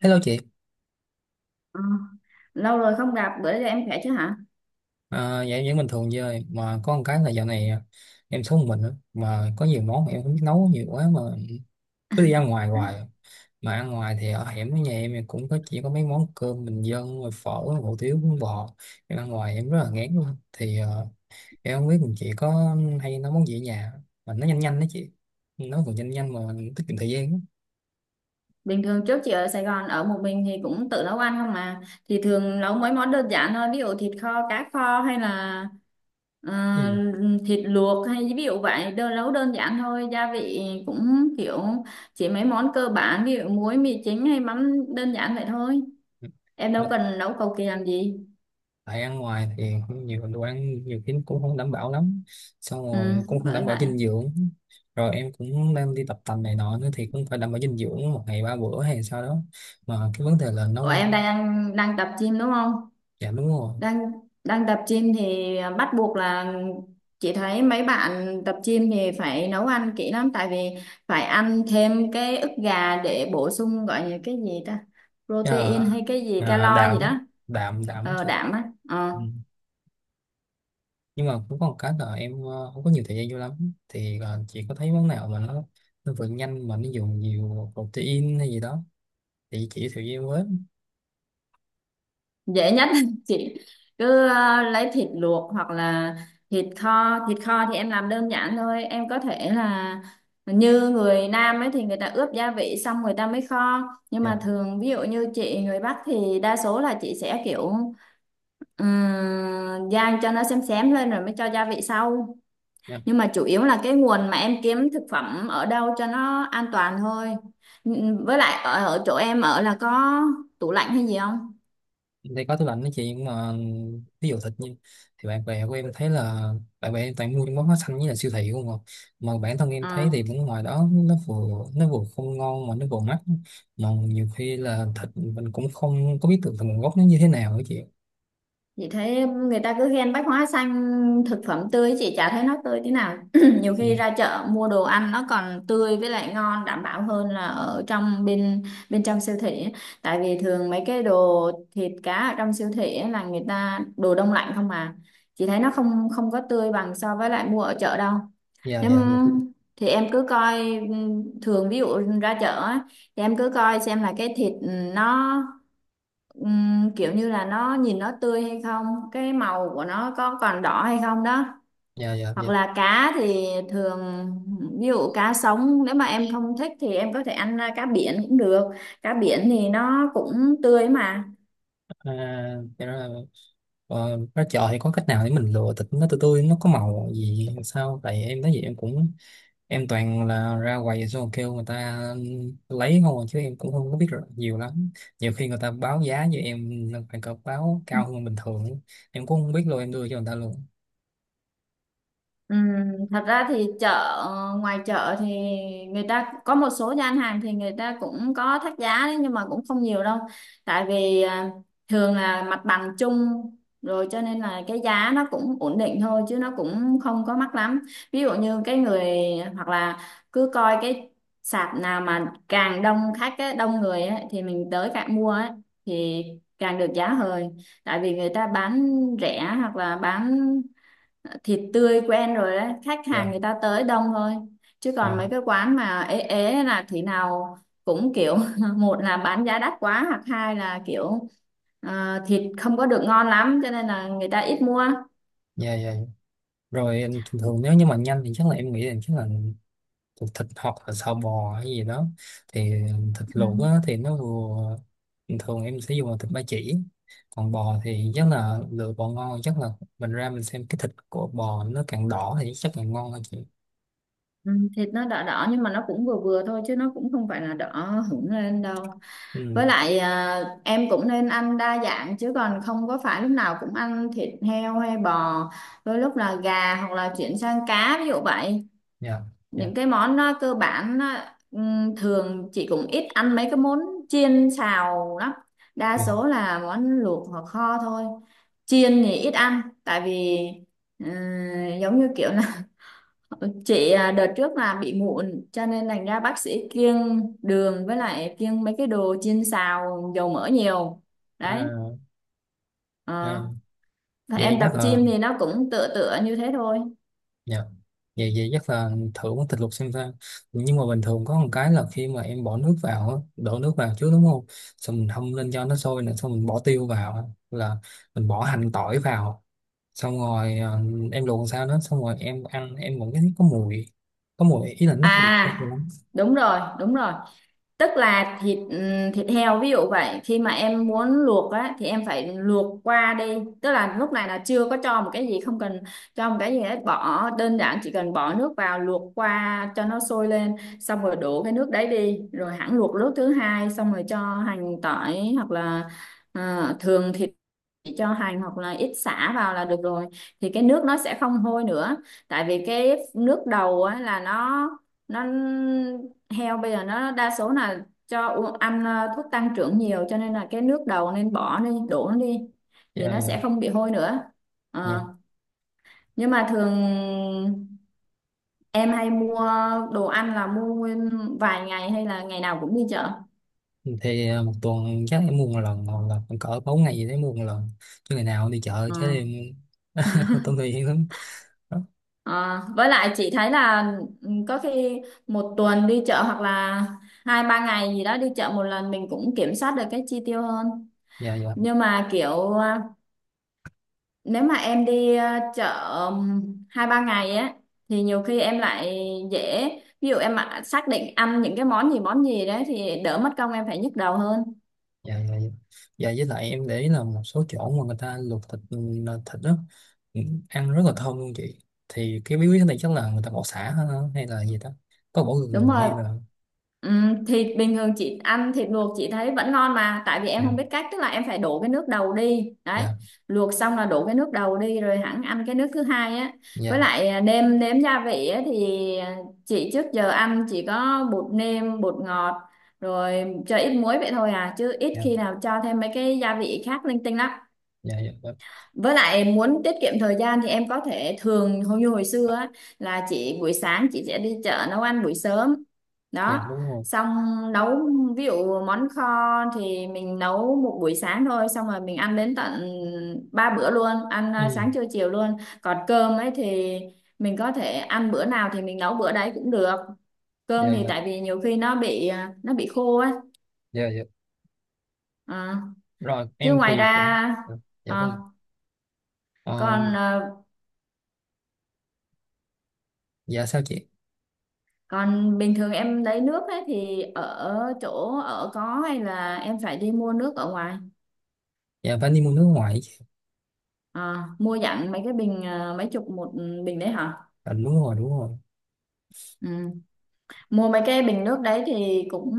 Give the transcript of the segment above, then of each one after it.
Hello chị. Ờ, Lâu rồi không gặp, bữa giờ em khỏe chứ hả? Dạ em vẫn bình thường chơi mà có một cái là dạo này, em sống một mình á, mà có nhiều món mà em không biết nấu nhiều quá mà cứ đi ăn ngoài hoài. Mà ăn ngoài thì ở hẻm với nhà em thì cũng có, chỉ có mấy món cơm bình dân rồi phở, hủ tiếu, bún bò. Em ăn ngoài em rất là ngán luôn, thì em không biết mình chị có hay nấu món gì ở nhà mà nó nhanh nhanh đó chị, nấu còn nhanh nhanh mà tiết kiệm thời gian á. Bình thường trước chị ở Sài Gòn ở một mình thì cũng tự nấu ăn không mà. Thì thường nấu mấy món đơn giản thôi, ví dụ thịt kho, cá kho hay là ờ, Ừ. thịt luộc hay ví dụ vậy, đơn nấu đơn giản thôi, gia vị cũng kiểu chỉ mấy món cơ bản, ví dụ muối, mì chính hay mắm đơn giản vậy thôi. Em đâu Ờ, cần nấu cầu kỳ làm gì. tại ăn ngoài thì cũng nhiều đồ ăn nhiều khi cũng không đảm bảo lắm, xong Ừ, rồi cũng không đảm bởi bảo vậy. dinh dưỡng. Rồi em cũng đang đi tập tành này nọ nữa thì cũng phải đảm bảo dinh dưỡng một ngày ba bữa hay sao đó, mà cái vấn đề là nấu Ủa em ăn. đang đang tập gym đúng không? Dạ đúng rồi. Đang đang tập gym thì bắt buộc là chị thấy mấy bạn tập gym thì phải nấu ăn kỹ lắm, tại vì phải ăn thêm cái ức gà để bổ sung, gọi là cái gì ta, protein à, hay cái gì calo gì Đạm á, đó. đạm đạm thì Đạm á. Ờ, ừ. Nhưng mà cũng có một cái là em không có nhiều thời gian vô lắm, thì chị có thấy món nào mà nó vừa nhanh mà nó dùng nhiều protein hay gì đó thì chị giới thiệu với em với. dễ nhất chị cứ lấy thịt luộc hoặc là thịt kho. Thịt kho thì em làm đơn giản thôi. Em có thể là như người Nam ấy, thì người ta ướp gia vị xong người ta mới kho, nhưng mà thường ví dụ như chị người Bắc thì đa số là chị sẽ kiểu rang cho nó xém xém lên rồi mới cho gia vị sau. Dạ Nhưng mà chủ yếu là cái nguồn mà em kiếm thực phẩm ở đâu cho nó an toàn thôi. Với lại ở chỗ em ở là có tủ lạnh hay gì không? đây có tủ lạnh đó chị, nhưng mà ví dụ thịt như thì bạn bè của em thấy là bạn bè em toàn mua những món hóa xanh với là siêu thị không à, mà bản thân em thấy thì cũng ngoài đó nó vừa không ngon mà nó vừa mắc, mà nhiều khi là thịt mình cũng không có biết được là nguồn gốc nó như thế nào đó chị. Chị thấy người ta cứ khen bách hóa xanh thực phẩm tươi, chị chả thấy nó tươi tí nào. Nhiều Ừ. khi ra chợ mua đồ ăn nó còn tươi với lại ngon đảm bảo hơn là ở trong bên bên trong siêu thị á. Tại vì thường mấy cái đồ thịt cá ở trong siêu thị á là người ta đồ đông lạnh không mà, chị thấy nó không không có tươi bằng so với lại mua ở chợ đâu. Dạ Nếu dạ dạ. thì em cứ coi, ừ, thường ví dụ ra chợ á, thì em cứ coi xem là cái thịt nó kiểu như là nó nhìn nó tươi hay không, cái màu của nó có còn đỏ hay không đó. Dạ dạ Hoặc dạ. là cá thì thường ví dụ cá sống, nếu mà em không thích thì em có thể ăn cá biển cũng được, cá biển thì nó cũng tươi mà. à, dạ rồi. Ờ, ra chợ thì có cách nào để mình lựa thịt nó tươi tươi, nó có màu gì hay sao, tại em thấy vậy em cũng em toàn là ra quầy xong rồi kêu người ta lấy không à, chứ em cũng không có biết rồi nhiều lắm. Nhiều khi người ta báo giá với em là phải cọc báo cao hơn bình thường ấy, em cũng không biết luôn em đưa cho người ta luôn. Ừm, Thật ra thì chợ, ngoài chợ thì người ta có một số gian hàng thì người ta cũng có thắt giá đấy, nhưng mà cũng không nhiều đâu. Tại vì thường là mặt bằng chung rồi, cho nên là cái giá nó cũng ổn định thôi chứ nó cũng không có mắc lắm. Ví dụ như cái người hoặc là cứ coi cái sạp nào mà càng đông khách ấy, đông người ấy, thì mình tới càng mua ấy, thì càng được giá hời. Tại vì người ta bán rẻ hoặc là bán thịt tươi quen rồi đấy, khách hàng Dạ. người ta tới đông thôi. Chứ còn Dạ. mấy cái quán mà ế ế là thế nào cũng kiểu một là bán giá đắt quá, hoặc hai là kiểu thịt không có được ngon lắm cho nên là người ta ít mua. dạ dạ rồi em thường thường nếu như mà nhanh thì chắc là em nghĩ là chắc là thuộc thịt hoặc là sò bò hay gì đó, thì thịt Ừ. luộc á, thì nó vừa bình thường em sẽ dùng là thịt ba chỉ. Còn bò thì chắc là lựa bò ngon, chắc là mình ra mình xem cái thịt của bò nó càng đỏ thì chắc càng ngon hơn chị. Ừ, thịt nó đỏ đỏ nhưng mà nó cũng vừa vừa thôi chứ nó cũng không phải là đỏ hửng lên đâu. Ừ. Với lại em cũng nên ăn đa dạng chứ còn không có phải lúc nào cũng ăn thịt heo hay bò, đôi lúc là gà hoặc là chuyển sang cá ví dụ vậy. Dạ dạ Những cái món cơ bản, thường chị cũng ít ăn mấy cái món chiên xào lắm, đa dạ. số là món luộc hoặc kho thôi. Chiên thì ít ăn tại vì ờ, giống như kiểu là chị đợt trước là bị mụn cho nên thành ra bác sĩ kiêng đường với lại kiêng mấy cái đồ chiên xào dầu mỡ nhiều đấy. à, à, Ờ, và Vậy em tập chắc là gym thì nó cũng tựa tựa như thế thôi. dạ, vậy vậy chắc là thử món thịt luộc xem sao. Nhưng mà bình thường có một cái là khi mà em bỏ nước vào á, đổ nước vào trước đúng không, xong mình hâm lên cho nó sôi nữa, xong mình bỏ tiêu vào á, là mình bỏ hành tỏi vào, xong rồi em luộc làm sao đó xong rồi em ăn em vẫn thấy có mùi, có mùi ý là nó không không À, lắm. đúng rồi đúng rồi, tức là thịt thịt heo ví dụ vậy, khi mà em muốn luộc á thì em phải luộc qua đi. Tức là lúc này là chưa có cho một cái gì không cần cho một cái gì hết, bỏ đơn giản chỉ cần bỏ nước vào luộc qua cho nó sôi lên, xong rồi đổ cái nước đấy đi rồi hẳn luộc nước thứ hai, xong rồi cho hành tỏi hoặc là thường thì chỉ cho hành hoặc là ít sả vào là được rồi, thì cái nước nó sẽ không hôi nữa. Tại vì cái nước đầu á, là nó heo bây giờ nó đa số là cho ăn thuốc tăng trưởng nhiều cho nên là cái nước đầu nên bỏ đi, đổ nó đi Dạ thì nó dạ sẽ không bị hôi nữa. dạ. Ờ, nhưng mà thường em hay mua đồ ăn là mua nguyên vài ngày hay là ngày nào cũng đi chợ? Thì một tuần chắc em mua một lần hoặc là cỡ bốn ngày gì đấy mua một lần, chứ ngày nào cũng đi chợ Ờ. chứ em tôi thì hiểu lắm đó. Ờ, với lại chị thấy là ừ, có khi một tuần đi chợ hoặc là hai ba ngày gì đó đi chợ một lần mình cũng kiểm soát được cái chi tiêu hơn. Dạ dạ Nhưng mà kiểu nếu mà em đi chợ ừm, hai ba ngày á thì nhiều khi em lại dễ, ví dụ em mà xác định ăn những cái món gì đấy thì đỡ mất công em phải nhức đầu hơn. dạ. Dạ dạ. Dạ, với lại em để ý là một số chỗ mà người ta luộc thịt ừ, là thịt đó ừ, ăn rất là thơm luôn chị, thì cái bí quyết này chắc là người ta bỏ sả hả? Hay là gì đó, có bỏ Đúng gừng rồi. hay là Ừ, thịt bình thường chị ăn thịt luộc chị thấy vẫn ngon mà, tại vì em dạ không biết cách, tức là em phải đổ cái nước đầu đi đấy, dạ luộc xong là đổ cái nước đầu đi rồi hẳn ăn cái nước thứ hai á. Với dạ. lại nêm nếm gia vị á thì chị trước giờ ăn chỉ có bột nêm bột ngọt rồi cho ít muối vậy thôi à, chứ ít Dạ khi nào cho thêm mấy cái gia vị khác linh tinh lắm. dạ dạ dạ. Với lại muốn tiết kiệm thời gian thì em có thể thường hầu như hồi xưa á, là chị buổi sáng chị sẽ đi chợ nấu ăn buổi sớm Dạ, đó, đúng rồi. xong nấu ví dụ món kho thì mình nấu một buổi sáng thôi xong rồi mình ăn đến tận ba bữa luôn, ăn Ừ. sáng trưa chiều luôn. Còn cơm ấy thì mình có thể ăn bữa nào thì mình nấu bữa đấy cũng được, Dạ cơm thì dạ tại vì nhiều khi nó bị nó bị khô á. dạ dạ. Ờ. Rồi Chứ em ngoài thì cũng ra dạ, dạ ờ, vâng. Ờ, còn dạ sao chị. còn bình thường em lấy nước ấy thì ở chỗ ở có, hay là em phải đi mua nước ở ngoài? Dạ Vani mua nước ngoài chị. À, mua dặn mấy cái bình, à, mấy chục một bình đấy hả? À, đúng rồi đúng rồi. Ừ. Mua mấy cái bình nước đấy thì cũng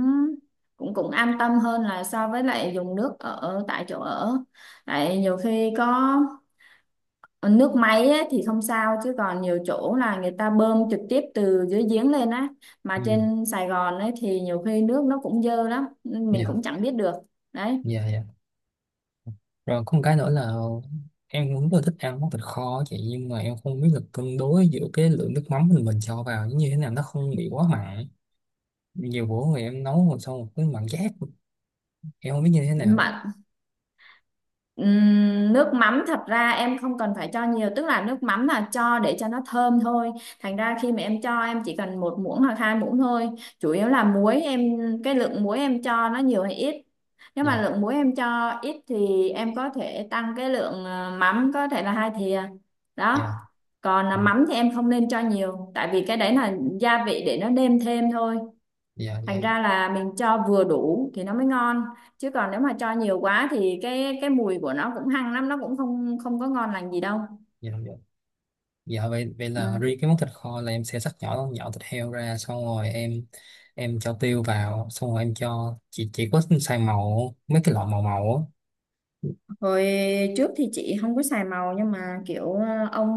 cũng cũng an tâm hơn là so với lại dùng nước ở tại chỗ ở. Tại nhiều khi có nước máy ấy, thì không sao, chứ còn nhiều chỗ là người ta bơm trực tiếp từ dưới giếng lên á, Ừ. mà trên Sài Gòn ấy thì nhiều khi nước nó cũng dơ lắm mình cũng Dạ chẳng biết được đấy dạ dạ. Rồi có một cái nữa là em cũng rất là thích ăn món thịt kho á chị, nhưng mà em không biết là cân đối giữa cái lượng nước mắm mình cho vào như thế nào nó không bị quá mặn. Nhiều bữa người em nấu rồi xong một cái mặn chát, em không biết như thế nào. mà. Nước mắm thật ra em không cần phải cho nhiều, tức là nước mắm là cho để cho nó thơm thôi, thành ra khi mà em cho em chỉ cần một muỗng hoặc hai muỗng thôi. Chủ yếu là muối em, cái lượng muối em cho nó nhiều hay ít. Nếu mà Dạ. lượng muối em cho ít thì em có thể tăng cái lượng mắm có thể là hai thìa Dạ đó. Còn là dạ mắm thì em không nên cho nhiều, tại vì cái đấy là gia vị để nó nêm thêm thôi, dạ dạ thành dạ ra là mình cho vừa đủ thì nó mới ngon. Chứ còn nếu mà cho nhiều quá thì cái mùi của nó cũng hăng lắm, nó cũng không không có ngon lành gì đâu. dạ dạ. Dạ, vậy vậy là Ừ. riêng cái món thịt kho là em sẽ cắt nhỏ nhỏ thịt heo ra xong rồi em cho tiêu vào xong rồi em cho chỉ có xay màu mấy cái loại màu màu á. Hồi trước thì chị không có xài màu, nhưng mà kiểu ông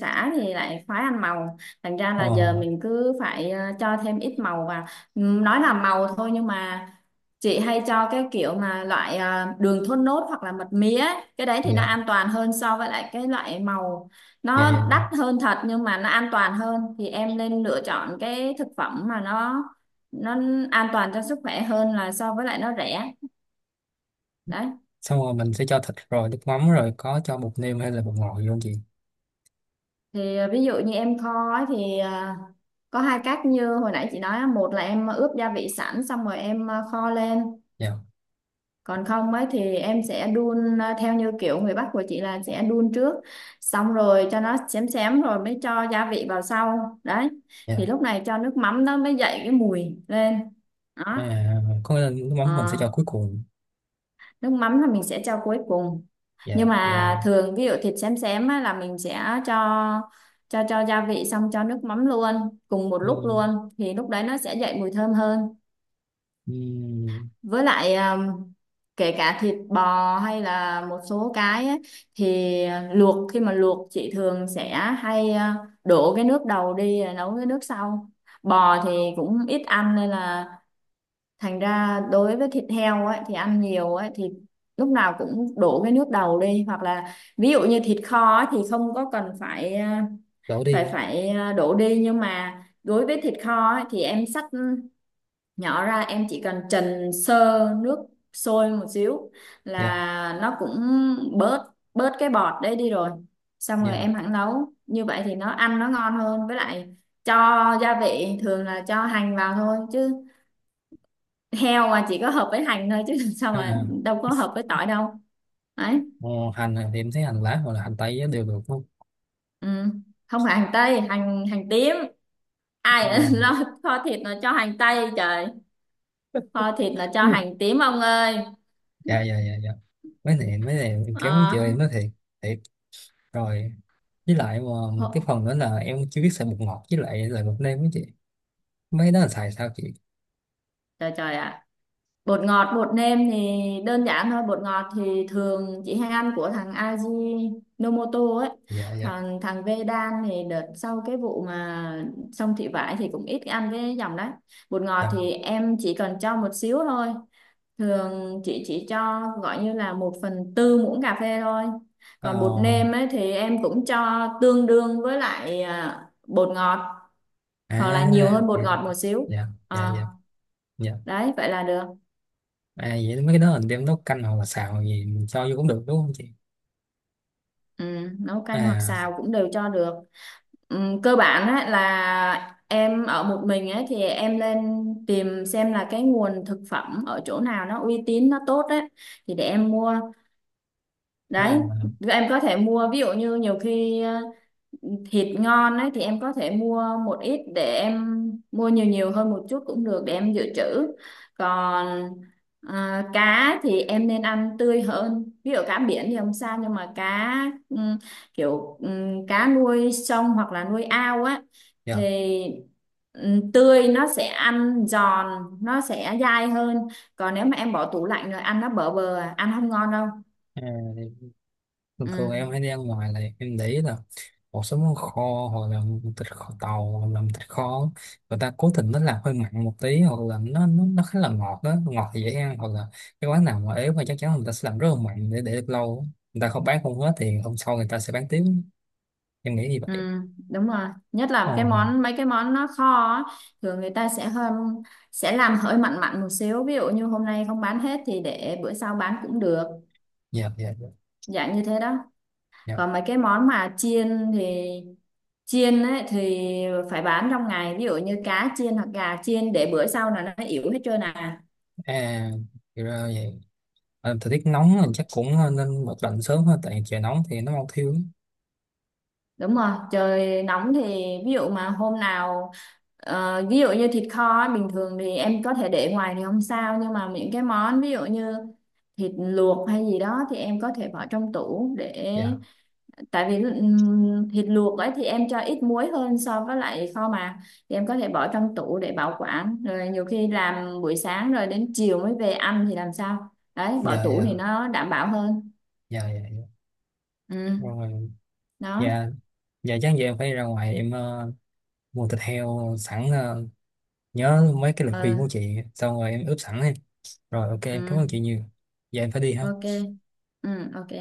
xã thì lại khoái ăn màu. Thành ra là giờ Ờ. mình cứ phải cho thêm ít màu vào. Nói là màu thôi nhưng mà chị hay cho cái kiểu mà loại đường thốt nốt hoặc là mật mía ấy. Cái đấy thì nó Dạ an toàn hơn so với lại cái loại màu, dạ dạ nó đắt dạ. hơn thật nhưng mà nó an toàn hơn. Thì em nên lựa chọn cái thực phẩm mà nó an toàn cho sức khỏe hơn là so với lại nó rẻ. Đấy Xong rồi mình sẽ cho thịt rồi nước mắm, rồi có cho bột nêm hay là bột ngọt gì không chị? thì ví dụ như em kho ấy thì có hai cách như hồi nãy chị nói á, một là em ướp gia vị sẵn xong rồi em kho lên. Dạ. Còn không ấy thì em sẽ đun theo như kiểu người Bắc của chị là sẽ đun trước, xong rồi cho nó xém xém rồi mới cho gia vị vào sau. Đấy thì Dạ. lúc này cho nước mắm nó mới dậy cái mùi lên đó. À, có nghĩa là nước mắm mình sẽ Ờ. cho cuối cùng. Nước mắm là mình sẽ cho cuối cùng, nhưng Dạ dạ. mà thường ví dụ thịt xém xém á, là mình sẽ cho cho gia vị xong cho nước mắm luôn cùng một lúc ừ, luôn, thì lúc đấy nó sẽ dậy mùi thơm hơn. ừ, Với lại kể cả thịt bò hay là một số cái ấy, thì luộc, khi mà luộc chị thường sẽ hay đổ cái nước đầu đi rồi nấu cái nước sau. Bò thì cũng ít ăn nên là thành ra đối với thịt heo ấy thì ăn nhiều ấy thì lúc nào cũng đổ cái nước đầu đi. Hoặc là ví dụ như thịt kho ấy, thì không có cần phải Đổ phải đi. phải à, đổ đi. Nhưng mà đối với thịt kho ấy, thì em xắt nhỏ ra, em chỉ cần trần sơ nước sôi một xíu Dạ là nó cũng bớt bớt cái bọt đấy đi rồi. Xong rồi em dạ. hẳn nấu như vậy thì nó ăn nó ngon hơn. Với lại cho gia vị thường là cho hành vào thôi chứ, heo mà chỉ có hợp với hành thôi chứ làm sao mà À, đâu có hợp với tỏi đâu. Đấy. ờ, hành thì em thấy hành lá hoặc là hành tây á đều được không? Ừ. Không phải hành tây, hành hành tím. Ai ở À. lo kho thịt mà cho hành tây, trời. Kho thịt là cho Ừ. hành tím, ông ơi. Dạ dạ dạ dạ. Mấy này em kéo chị Ờ, ơi, em nói thiệt thiệt rồi. Với lại ờ, một cái hộ- phần nữa là em chưa biết xài bột ngọt với lại là bột nêm với chị, mấy đó là xài sao chị? trời trời ạ. Bột ngọt, bột nêm thì đơn giản thôi. Bột ngọt thì thường chị hay ăn của thằng Aji Nomoto ấy. Dạ dạ Thằng thằng Vedan thì đợt sau cái vụ mà xong thị vải thì cũng ít ăn cái dòng đấy. Bột ngọt dạ. thì em chỉ cần cho một xíu thôi, thường chị chỉ cho gọi như là một phần tư muỗng cà phê thôi. Ờ. Còn bột nêm ấy thì em cũng cho tương đương với lại bột ngọt, À. hoặc là nhiều hơn Dạ bột ngọt một xíu. dạ Ờ, dạ dạ. đấy vậy là được. À, vậy mấy cái đó mình đem nấu canh hoặc là xào gì mình cho vô cũng được đúng không chị? Ừ, nấu canh hoặc À. xào cũng đều cho được. Ừ, cơ bản ấy là em ở một mình ấy thì em lên tìm xem là cái nguồn thực phẩm ở chỗ nào nó uy tín, nó tốt ấy, thì để em mua. Đấy, À. em có thể mua, ví dụ như nhiều khi thịt ngon ấy thì em có thể mua một ít để em mua nhiều nhiều hơn một chút cũng được để em dự trữ. Còn cá thì em nên ăn tươi hơn. Ví dụ cá biển thì không sao, nhưng mà cá ừm, kiểu cá nuôi sông hoặc là nuôi ao á, Dạ. thì tươi nó sẽ ăn giòn, nó sẽ dai hơn. Còn nếu mà em bỏ tủ lạnh rồi ăn nó bở bờ ăn không ngon đâu. À, thường Ừ. thường em hay đi ăn ngoài là em để ý là một số món kho hoặc là thịt kho tàu hoặc là thịt kho, người ta cố tình nó làm hơi mặn một tí, hoặc là nó khá là ngọt đó, ngọt thì dễ ăn. Hoặc là cái quán nào mà ế mà chắc chắn người ta sẽ làm rất là mặn để được lâu, người ta không bán không hết thì hôm sau người ta sẽ bán tiếp, em nghĩ như Ừ, vậy. đúng rồi, nhất là Ồ. cái món, mấy cái món nó kho á, thường người ta sẽ hơn, sẽ làm hơi mặn mặn một xíu, ví dụ như hôm nay không bán hết thì để bữa sau bán cũng được, Dạ dạ dạ. dạng như thế đó. Còn Dạ. mấy cái món mà chiên thì chiên ấy, thì phải bán trong ngày, ví dụ như cá chiên hoặc gà chiên để bữa sau là nó yếu hết trơn à. À thì ra vậy. Ờ, thời tiết nóng thì chắc cũng ờ, nên bật lạnh sớm thôi, tại trời nóng thì nó mau thiêu lắm. Đúng rồi, trời nóng thì ví dụ mà hôm nào ví dụ như thịt kho ấy, bình thường thì em có thể để ngoài thì không sao, nhưng mà những cái món ví dụ như thịt luộc hay gì đó thì em có thể bỏ trong tủ để, Dạ tại vì thịt luộc ấy thì em cho ít muối hơn so với lại kho mà, thì em có thể bỏ trong tủ để bảo quản, rồi nhiều khi làm buổi sáng rồi đến chiều mới về ăn thì làm sao đấy bỏ dạ tủ dạ. thì nó đảm bảo hơn. Dạ dạ dạ. Ừ. Rồi. Đó. Dạ. Dạ chắc giờ em phải ra ngoài em mua thịt heo sẵn, nhớ mấy cái lời khuyên của Ừ, chị xong rồi em ướp sẵn đi. Rồi, ok em cảm ơn ừ, chị nhiều. Giờ em phải đi ok. ha. Ừ, ok.